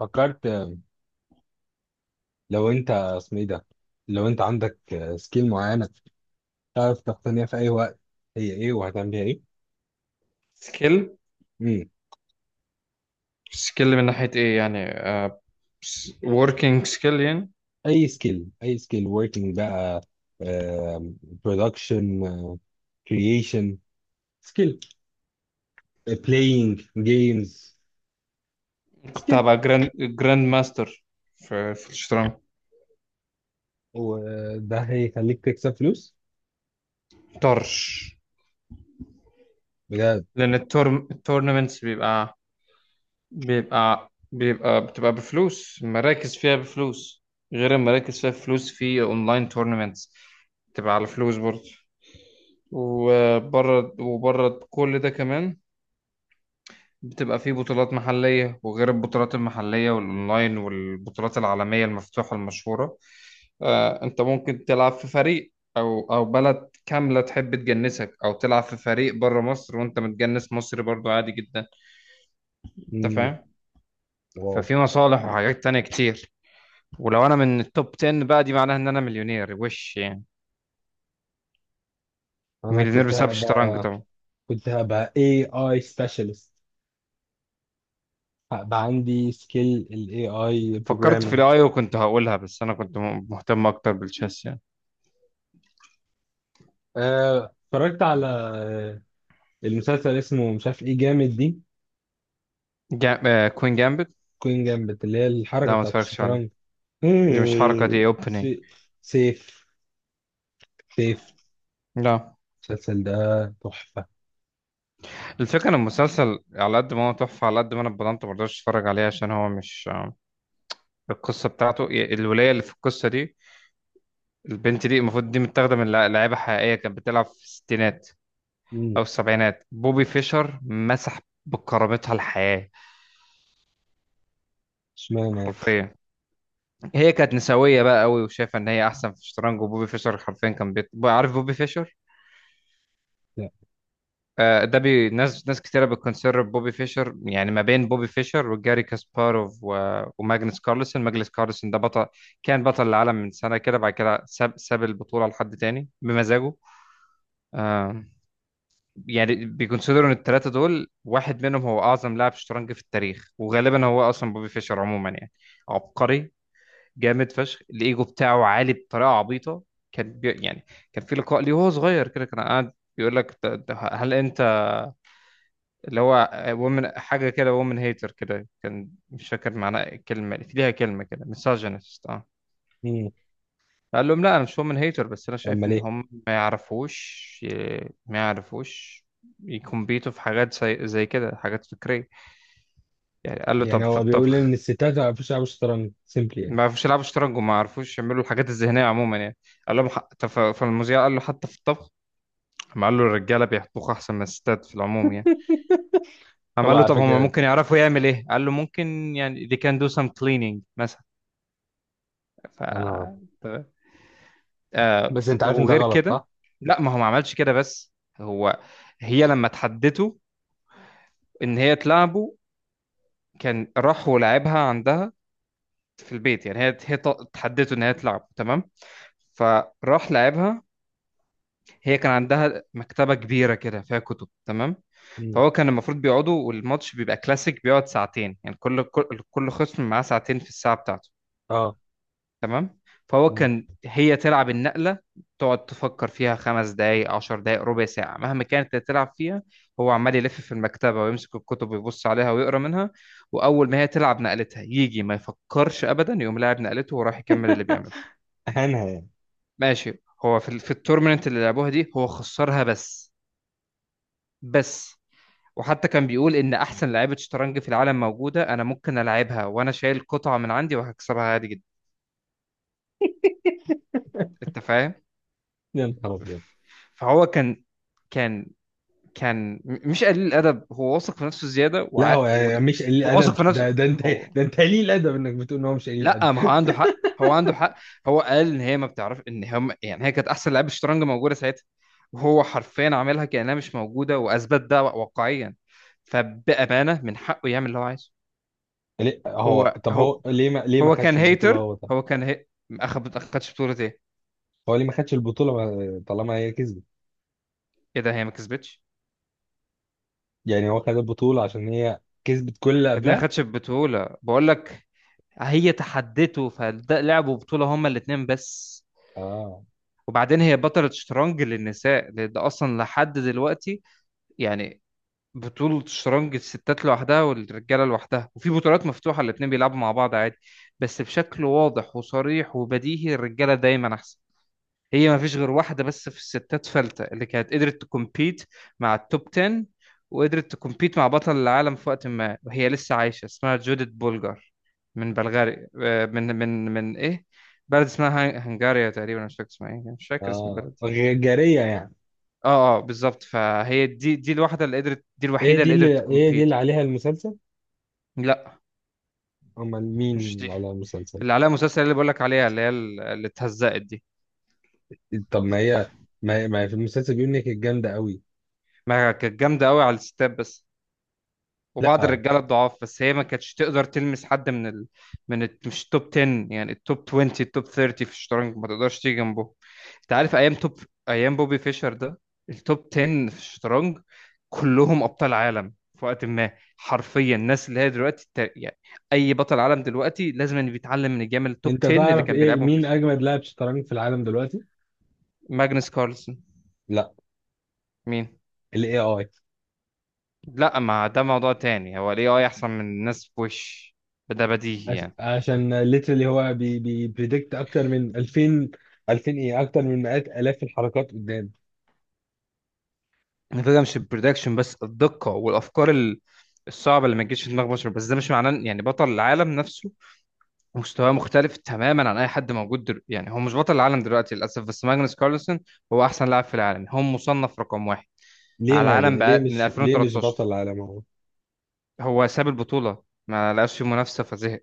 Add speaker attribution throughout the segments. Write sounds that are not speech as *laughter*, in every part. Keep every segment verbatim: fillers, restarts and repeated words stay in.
Speaker 1: فكرت لو انت اسمه ايه ده، لو انت عندك سكيل معينه تعرف تقتنيها في اي وقت، هي ايه وهتعمل بيها ايه؟
Speaker 2: سكيل
Speaker 1: مم.
Speaker 2: سكيل من ناحية ايه يعني؟ وركينج سكيل يعني.
Speaker 1: اي سكيل، اي سكيل working بقى، برودكشن، كرييشن سكيل، بلاينج جيمز
Speaker 2: كنت
Speaker 1: سكيل.
Speaker 2: هبقى جراند جراند ماستر في في الشطرنج.
Speaker 1: وده هيخليك تكسب فلوس
Speaker 2: طرش.
Speaker 1: بجد؟
Speaker 2: لأن التورم التورنمنتس بيبقى بيبقى بيبقى بتبقى بفلوس، مراكز فيها بفلوس، غير المراكز فيها فلوس في اونلاين تورنمنتس بتبقى على فلوس برضه. وبره وبره كل ده كمان، بتبقى فيه بطولات محلية، وغير البطولات المحلية والأونلاين والبطولات العالمية المفتوحة المشهورة. آه، انت ممكن تلعب في فريق او او بلد كامله تحب تجنسك، او تلعب في فريق بره مصر وانت متجنس مصري برضو، عادي جدا. انت
Speaker 1: مم.
Speaker 2: فاهم؟
Speaker 1: واو.
Speaker 2: ففي مصالح وحاجات تانية كتير. ولو انا من التوب عشرة بقى، دي معناها ان انا مليونير، وش يعني
Speaker 1: انا
Speaker 2: مليونير
Speaker 1: كنت
Speaker 2: بسبب الشطرنج
Speaker 1: هبقى،
Speaker 2: طبعا.
Speaker 1: كنت هبقى اي اي سبيشالست، هبقى عندي سكيل الاي اي
Speaker 2: فكرت في
Speaker 1: programming.
Speaker 2: الاي، وكنت هقولها، بس انا كنت م- مهتم اكتر بالتشيس يعني.
Speaker 1: آه، اتفرجت على، آه، المسلسل اسمه مش عارف ايه، جامد دي،
Speaker 2: جا... آه، كوين جامبت.
Speaker 1: كوين جامبت اللي هي الحركة
Speaker 2: لا، ما
Speaker 1: بتاعت
Speaker 2: اتفرجتش عليها.
Speaker 1: الشطرنج. *laughs*
Speaker 2: دي مش حركه،
Speaker 1: مم.
Speaker 2: دي اوبننج.
Speaker 1: سي- سيف، سيف
Speaker 2: لا.
Speaker 1: المسلسل ده تحفة.
Speaker 2: الفكرة ان المسلسل على قد ما هو تحفة، على قد ما انا اتبضنت مرضاش اتفرج عليه، عشان هو مش... القصة بتاعته، ي- الولاية اللي في القصة دي، البنت دي المفروض دي متاخدة من لع- لعيبة حقيقية كانت بتلعب في الستينات
Speaker 1: مم،
Speaker 2: او السبعينات. بوبي فيشر مسح بكرامتها الحياة.
Speaker 1: اشمعنى يعني؟
Speaker 2: حرفيا. هي كانت نسوية بقى قوي، وشايفة ان هي احسن في الشطرنج، وبوبي فيشر حرفيا كان بيت... عارف بوبي فيشر؟
Speaker 1: لا.
Speaker 2: آه، ده بي ناس ناس كتيرة بتكونسيدر بوبي فيشر، يعني ما بين بوبي فيشر وجاري كاسباروف و... وماجنس كارلسن. ماجنس كارلسن ده بطل. كان بطل العالم من سنة كده، بعد كده ساب ساب البطولة لحد تاني بمزاجه. آه، يعني بيكونسيدروا ان الثلاثة دول واحد منهم هو أعظم لاعب شطرنج في التاريخ، وغالبا هو أصلا بوبي فيشر عموما يعني. عبقري جامد فشخ. الإيجو بتاعه عالي بطريقة عبيطة. كان بي... يعني كان في لقاء ليه وهو صغير كده، كان قاعد بيقول لك ده- ده هل انت اللي هو وومن حاجة كده، وومن هيتر كده. كان مش فاكر معناها، الكلمة في ليها كلمة كده، misogynist. اه.
Speaker 1: مم،
Speaker 2: قال لهم لا، أنا مش وومن هيتر، بس أنا شايف
Speaker 1: امال
Speaker 2: إن
Speaker 1: ايه؟
Speaker 2: هم ما يعرفوش. ما يعرفوش يكمبيتوا في حاجات زي, زي كده، حاجات فكرية يعني. قال له
Speaker 1: يعني
Speaker 2: طب في
Speaker 1: هو بيقول ان
Speaker 2: الطبخ؟
Speaker 1: الستات ما بيعرفوش يلعبوا شطرنج سيمبلي يعني.
Speaker 2: ما يعرفوش يلعبوا شطرنج، وما يعرفوش يعملوا الحاجات الذهنية عموما يعني. قال لهم ح- طب في في المذيع قال له حتى في الطبخ. قام قال له الرجالة بيطبخوا أحسن من الستات في العموم يعني. قام
Speaker 1: هو
Speaker 2: قال له
Speaker 1: على
Speaker 2: طب هم
Speaker 1: فكرة
Speaker 2: ممكن يعرفوا يعمل إيه؟ قال له ممكن يعني they can do some cleaning مثلا. ف
Speaker 1: انا،
Speaker 2: تمام. آه
Speaker 1: بس
Speaker 2: ف-
Speaker 1: انت عارف ان ده
Speaker 2: وغير
Speaker 1: غلط
Speaker 2: كده.
Speaker 1: صح؟
Speaker 2: لا، ما هو ما عملش كده بس. هو، هي لما تحدته ان هي تلعبه، كان راح ولعبها عندها في البيت. يعني هي هي ط- تحدته ان هي تلعب، تمام، فراح لعبها. هي كان عندها مكتبة كبيرة كده فيها كتب، تمام.
Speaker 1: مم.
Speaker 2: فهو كان المفروض بيقعدوا، والماتش بيبقى كلاسيك بيقعد ساعتين يعني، كل كل كل خصم معاه ساعتين في الساعة بتاعته،
Speaker 1: اه.
Speaker 2: تمام. فهو
Speaker 1: مم.
Speaker 2: كان هي تلعب النقلة، تقعد تفكر فيها خمس دقايق، عشر دقايق، ربع ساعة، مهما كانت اللي تلعب فيها، هو عمال يلف في المكتبة ويمسك الكتب ويبص عليها ويقرأ منها. وأول ما هي تلعب نقلتها يجي، ما يفكرش أبدا، يقوم لاعب نقلته وراح يكمل اللي بيعمله.
Speaker 1: *laughs* اهانها يعني.
Speaker 2: ماشي. هو في ال- في التورنمنت اللي لعبوها دي هو خسرها بس. بس وحتى كان بيقول إن أحسن لعيبة شطرنج في العالم موجودة، أنا ممكن ألعبها وأنا شايل قطعة من عندي وهكسبها عادي جدا. أنت فاهم؟
Speaker 1: يا نهار أبيض.
Speaker 2: فهو كان، كان كان م- مش قليل الادب، هو واثق في نفسه زياده
Speaker 1: لا
Speaker 2: وع...
Speaker 1: هو
Speaker 2: ود...
Speaker 1: مش قليل
Speaker 2: هو واثق
Speaker 1: ادب،
Speaker 2: في نفسه
Speaker 1: ده ده انت،
Speaker 2: هو.
Speaker 1: ده انت قليل ادب انك بتقول ان هو مش قليل ادب.
Speaker 2: لا، ما هو
Speaker 1: *laughs*
Speaker 2: عنده حق، هو عنده حق. هو قال ان هي ما بتعرف ان هم، يعني هي كانت احسن لعيبه شطرنج موجوده ساعتها، وهو حرفيا عاملها كانها مش موجوده، واثبت ده واقعيا. فبامانه من حقه يعمل اللي هو عايزه.
Speaker 1: ليه هو،
Speaker 2: هو
Speaker 1: طب هو
Speaker 2: هو
Speaker 1: ليه ما ليه ما
Speaker 2: هو كان
Speaker 1: خدش البطولة؟
Speaker 2: هيتر.
Speaker 1: هو طب
Speaker 2: هو كان هي... اخد، ما خدش بطوله ايه؟
Speaker 1: هو ليه ما خدش البطولة، ما- طالما هي كسبت؟
Speaker 2: ايه ده، هي ما كسبتش؟
Speaker 1: يعني هو خد البطولة عشان هي كسبت كل اللي
Speaker 2: يا ابني ما
Speaker 1: قبلها.
Speaker 2: خدش بطوله بقول لك. هي تحدته، فده لعبوا بطوله هما الاثنين بس.
Speaker 1: اه.
Speaker 2: وبعدين هي بطلة شطرنج للنساء، لأن ده أصلا لحد دلوقتي يعني، بطولة شطرنج الستات لوحدها والرجالة لوحدها، وفي بطولات مفتوحة الاتنين بيلعبوا مع بعض عادي. بس بشكل واضح وصريح وبديهي الرجالة دايما أحسن. هي ما فيش غير واحدة بس في الستات فلتة اللي كانت قدرت تكمبيت مع التوب عشرة، وقدرت تكمبيت مع بطل العالم في وقت ما وهي لسه عايشة، اسمها جوديت بولجار. من بلغاري، آه، من من من إيه، بلد اسمها هن- هنغاريا تقريبا، مش فاكر اسمها ايه، مش فاكر اسم
Speaker 1: اه،
Speaker 2: البلد.
Speaker 1: غ- جارية يعني.
Speaker 2: اه، اه، بالظبط. فهي دي دي الواحده اللي قدرت، دي
Speaker 1: ايه
Speaker 2: الوحيده
Speaker 1: دي
Speaker 2: اللي قدرت
Speaker 1: اللي، ايه دي
Speaker 2: تكمبيت.
Speaker 1: اللي عليها المسلسل؟
Speaker 2: لا.
Speaker 1: امال مين
Speaker 2: مش دي
Speaker 1: اللي عليها المسلسل؟
Speaker 2: اللي عليها مسلسل، اللي بقولك عليها اللي هي ال- اللي اتهزقت دي.
Speaker 1: طب ما هي، ما هي, ما هي في المسلسل بيقول انك جامدة قوي.
Speaker 2: ما كانت جامده قوي على الستات بس، وبعض
Speaker 1: لا.
Speaker 2: الرجاله الضعاف. بس هي ما كانتش تقدر تلمس حد من ال... من ال... مش التوب عشرة، يعني التوب عشرين، التوب تلاتين في الشطرنج ما تقدرش تيجي جنبه. انت عارف ايام توب، ايام بوبي فيشر ده، التوب عشرة في الشطرنج كلهم ابطال عالم في وقت ما. حرفيا الناس اللي هي دلوقتي الت- يعني اي بطل عالم دلوقتي لازم إن بيتعلم من الجيم التوب
Speaker 1: انت
Speaker 2: عشرة اللي
Speaker 1: تعرف
Speaker 2: كان
Speaker 1: ايه
Speaker 2: بيلعبهم
Speaker 1: مين
Speaker 2: فيشر.
Speaker 1: اجمد لاعب شطرنج في العالم دلوقتي؟
Speaker 2: ماجنس كارلسن.
Speaker 1: لا.
Speaker 2: مين؟
Speaker 1: الاي اي.
Speaker 2: لا، ما ده موضوع تاني، هو الاي اي احسن من الناس بوش، ده بديهي
Speaker 1: عش-
Speaker 2: يعني.
Speaker 1: عشان ليترلي هو بي بي بريدكت اكتر من الفين، الفين ايه، اكتر من مئات الاف الحركات قدام.
Speaker 2: الفكره مش البرودكشن بس، الدقه والافكار ال- الصعبه اللي ما تجيش في دماغ بشر. بس ده مش معناه إن- يعني بطل العالم نفسه مستواه مختلف تماما عن اي حد موجود دل... يعني، هو مش بطل العالم دلوقتي للاسف، بس ماجنس كارلسن هو احسن لاعب في العالم، هو مصنف رقم واحد
Speaker 1: ليه
Speaker 2: على
Speaker 1: ما بي...
Speaker 2: العالم
Speaker 1: ليه
Speaker 2: بقى من
Speaker 1: مش، ليه مش
Speaker 2: ألفين وتلتاشر.
Speaker 1: بطل عالم هو؟
Speaker 2: هو ساب البطوله، ما لقاش فيه منافسه فزهق.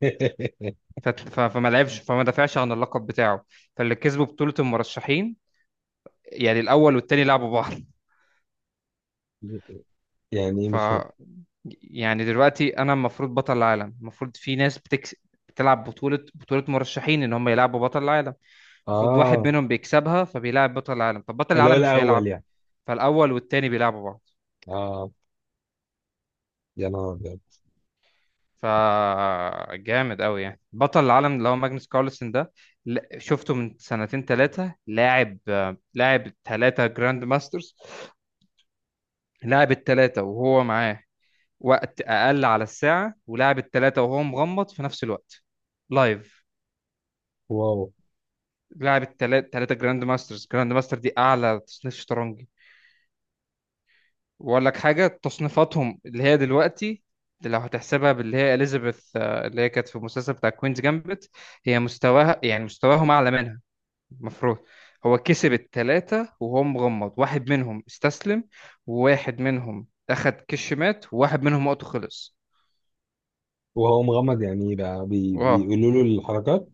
Speaker 1: *laughs*
Speaker 2: فت- ف... فما لعبش، فما دافعش عن اللقب بتاعه، فاللي كسبوا بطوله المرشحين، يعني الاول والتاني لعبوا بعض.
Speaker 1: يعني ايه؟
Speaker 2: ف
Speaker 1: مش فاهم.
Speaker 2: يعني دلوقتي انا المفروض بطل العالم، المفروض في ناس بتكس... بتلعب بطولة بطولة مرشحين ان هم يلعبوا بطل العالم. المفروض واحد
Speaker 1: اه.
Speaker 2: منهم بيكسبها فبيلعب بطل العالم، طب بطل
Speaker 1: اللي هو
Speaker 2: العالم مش
Speaker 1: الاول
Speaker 2: هيلعب،
Speaker 1: يعني.
Speaker 2: فالاول والتاني بيلعبوا بعض.
Speaker 1: اه. يا نهار ابيض.
Speaker 2: ف جامد قوي يعني. بطل العالم اللي هو ماجنس كارلسن ده، ل- شفته من سنتين ثلاثة لاعب، لاعب ثلاثة جراند ماسترز، لاعب الثلاثة وهو معاه وقت اقل على الساعة، ولاعب الثلاثة وهو مغمض في نفس الوقت، لايف.
Speaker 1: واو.
Speaker 2: لعب التلاتة، تلاتة جراند ماسترز. جراند ماستر دي أعلى تصنيف شطرنجي. وأقول لك حاجة، تصنيفاتهم اللي هي دلوقتي، اللي لو هتحسبها باللي هي إليزابيث، آه، اللي هي كانت في المسلسل بتاع كوينز جامبت، هي مستواها، يعني مستواهم أعلى منها المفروض. هو كسب التلاتة وهو مغمض، واحد منهم استسلم، وواحد منهم أخد كش مات، وواحد منهم وقته خلص.
Speaker 1: وهو مغمض يعني ايه بقى؟ بي...
Speaker 2: واو.
Speaker 1: بيقولوا له الحركات؟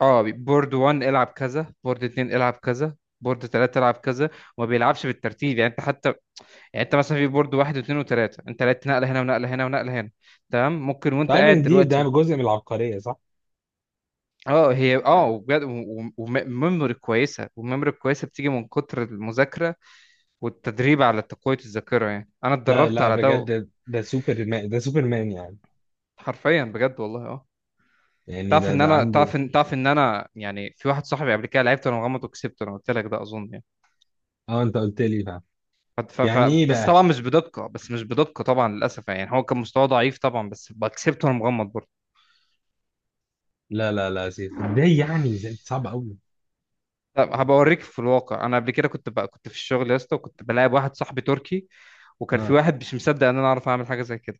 Speaker 2: اه، بورد واحد العب كذا، بورد اتنين العب كذا، بورد ثلاثة العب كذا. وما بيلعبش بالترتيب، يعني انت حتى، يعني انت مثلا في بورد واحد واثنين وثلاثه، انت لقيت نقله هنا ونقله هنا ونقله هنا، تمام، ممكن وانت
Speaker 1: تعرف
Speaker 2: قاعد
Speaker 1: ان دي، ده
Speaker 2: دلوقتي.
Speaker 1: جزء من العبقرية صح.
Speaker 2: اه، هي اه، وبجد، وميموري كويسه، والميموري الكويسه بتيجي من كتر المذاكره والتدريب على تقويه الذاكره، يعني انا
Speaker 1: لا
Speaker 2: اتدربت
Speaker 1: لا
Speaker 2: على ده.
Speaker 1: بجد ده سوبر مان، ده سوبر مان يعني.
Speaker 2: حرفيا بجد والله اه.
Speaker 1: يعني
Speaker 2: تعرف
Speaker 1: ده،
Speaker 2: ان
Speaker 1: ده
Speaker 2: انا،
Speaker 1: عنده.
Speaker 2: تعرف ان تعرف ان انا يعني، في واحد صاحبي قبل كده لعبت وانا مغمض وكسبته، انا قلت لك ده اظن يعني.
Speaker 1: اه انت قلت لي بقى.
Speaker 2: ف... ف...
Speaker 1: يعني
Speaker 2: ف...
Speaker 1: ايه
Speaker 2: بس
Speaker 1: بقى؟
Speaker 2: طبعا مش بدقه، بس مش بدقه طبعا للاسف، يعني هو كان مستواه ضعيف طبعا بس كسبته وانا مغمض برضه.
Speaker 1: لا لا لا يا سيف، ازاي يعني؟ ازاي؟ صعب قوي.
Speaker 2: لا، هبقى اوريك. في الواقع انا قبل كده كنت بقى، كنت في الشغل يا اسطى، وكنت بلاعب واحد صاحبي تركي، وكان في
Speaker 1: اه
Speaker 2: واحد مش مصدق ان انا اعرف اعمل حاجه زي كده.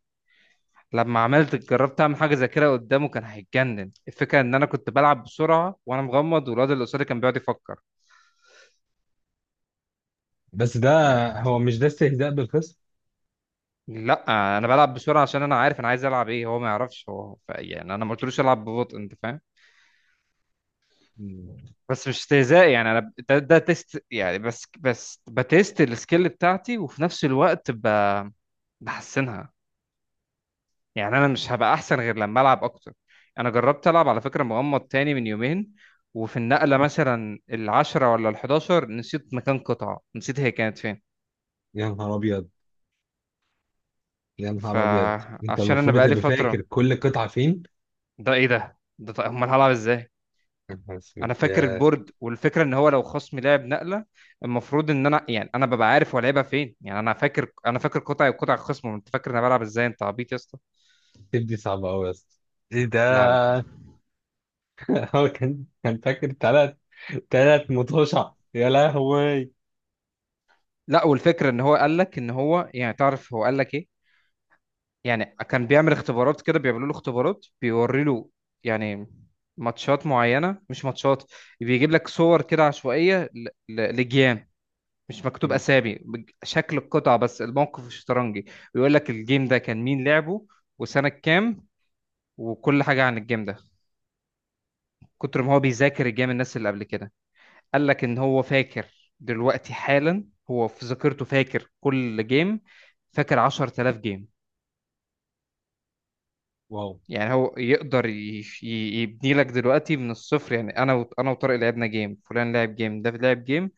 Speaker 2: لما عملت، جربت اعمل حاجه زي كده قدامه، كان هيتجنن. الفكره ان انا كنت بلعب بسرعه وانا مغمض، والواد اللي قصادي كان بيقعد يفكر.
Speaker 1: بس ده،
Speaker 2: يعني.
Speaker 1: هو مش ده استهزاء بالخصم؟
Speaker 2: لا انا بلعب بسرعه عشان انا عارف انا عايز العب ايه، هو ما يعرفش هو. ف... يعني انا ما قلتلوش العب ببطء. انت فاهم؟
Speaker 1: مم.
Speaker 2: بس مش استهزاء يعني، انا ده, ده تيست يعني، بس بس بتيست السكيل بتاعتي، وفي نفس الوقت ب... بحسنها. يعني انا مش هبقى احسن غير لما العب اكتر. انا جربت العب على فكره مغمض تاني من يومين، وفي النقله مثلا العشرة ولا الحداشر نسيت مكان قطعه، نسيت هي كانت فين.
Speaker 1: يا نهار ابيض. يا نهار ابيض، انت
Speaker 2: فعشان انا
Speaker 1: المفروض
Speaker 2: بقالي
Speaker 1: تبقى فاكر
Speaker 2: فتره.
Speaker 1: كل قطعه فين.
Speaker 2: ده ايه ده، ده طيب امال هلعب ازاي؟
Speaker 1: يا نهار اسود
Speaker 2: انا فاكر
Speaker 1: يا
Speaker 2: البورد، والفكره ان هو لو خصمي لعب نقله المفروض ان انا، يعني انا ببقى عارف هو لعبها فين، يعني انا فاكر، انا فاكر قطعي وقطع الخصم. انت فاكر إن انا بلعب ازاي، انت عبيط يا اسطى.
Speaker 1: سيف، دي صعبه قوي يا اسطى. ايه
Speaker 2: لا، لا،
Speaker 1: ده؟ *laughs* هو كان، كان فاكر ثلاث، ثلاث مطوشة، يا لهوي.
Speaker 2: لا. والفكره ان هو قال لك ان هو، يعني تعرف هو قال لك ايه، يعني كان بيعمل اختبارات كده، بيعملوا له اختبارات، بيوري له يعني ماتشات معينة، مش ماتشات، بيجيب لك صور كده عشوائية ل- ل- لجيام، مش مكتوب
Speaker 1: مم.
Speaker 2: أسامي، بج- شكل القطع بس، الموقف الشطرنجي، ويقول لك الجيم ده كان مين لعبه، وسنة كام، وكل حاجة عن الجيم ده. كتر ما هو بيذاكر الجيم، الناس اللي قبل كده، قال لك إن هو فاكر دلوقتي حالا، هو في ذاكرته فاكر كل جيم، فاكر عشر تلاف جيم.
Speaker 1: واو.
Speaker 2: يعني هو يقدر يش- ي- يبني لك دلوقتي من الصفر يعني. انا و... انا وطارق لعبنا جيم، فلان لعب جيم، ده لعب جيم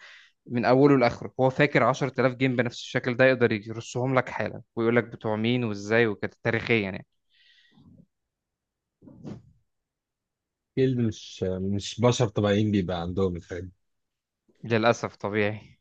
Speaker 2: من اوله لاخره، هو فاكر عشر تلاف جيم بنفس الشكل ده، يقدر يرصهم لك حالا، ويقول لك بتوع مين وازاي وكده تاريخيا يعني.
Speaker 1: اكيد مش، مش بشر طبيعيين بيبقى عندهم الحاجات.
Speaker 2: للاسف طبيعي.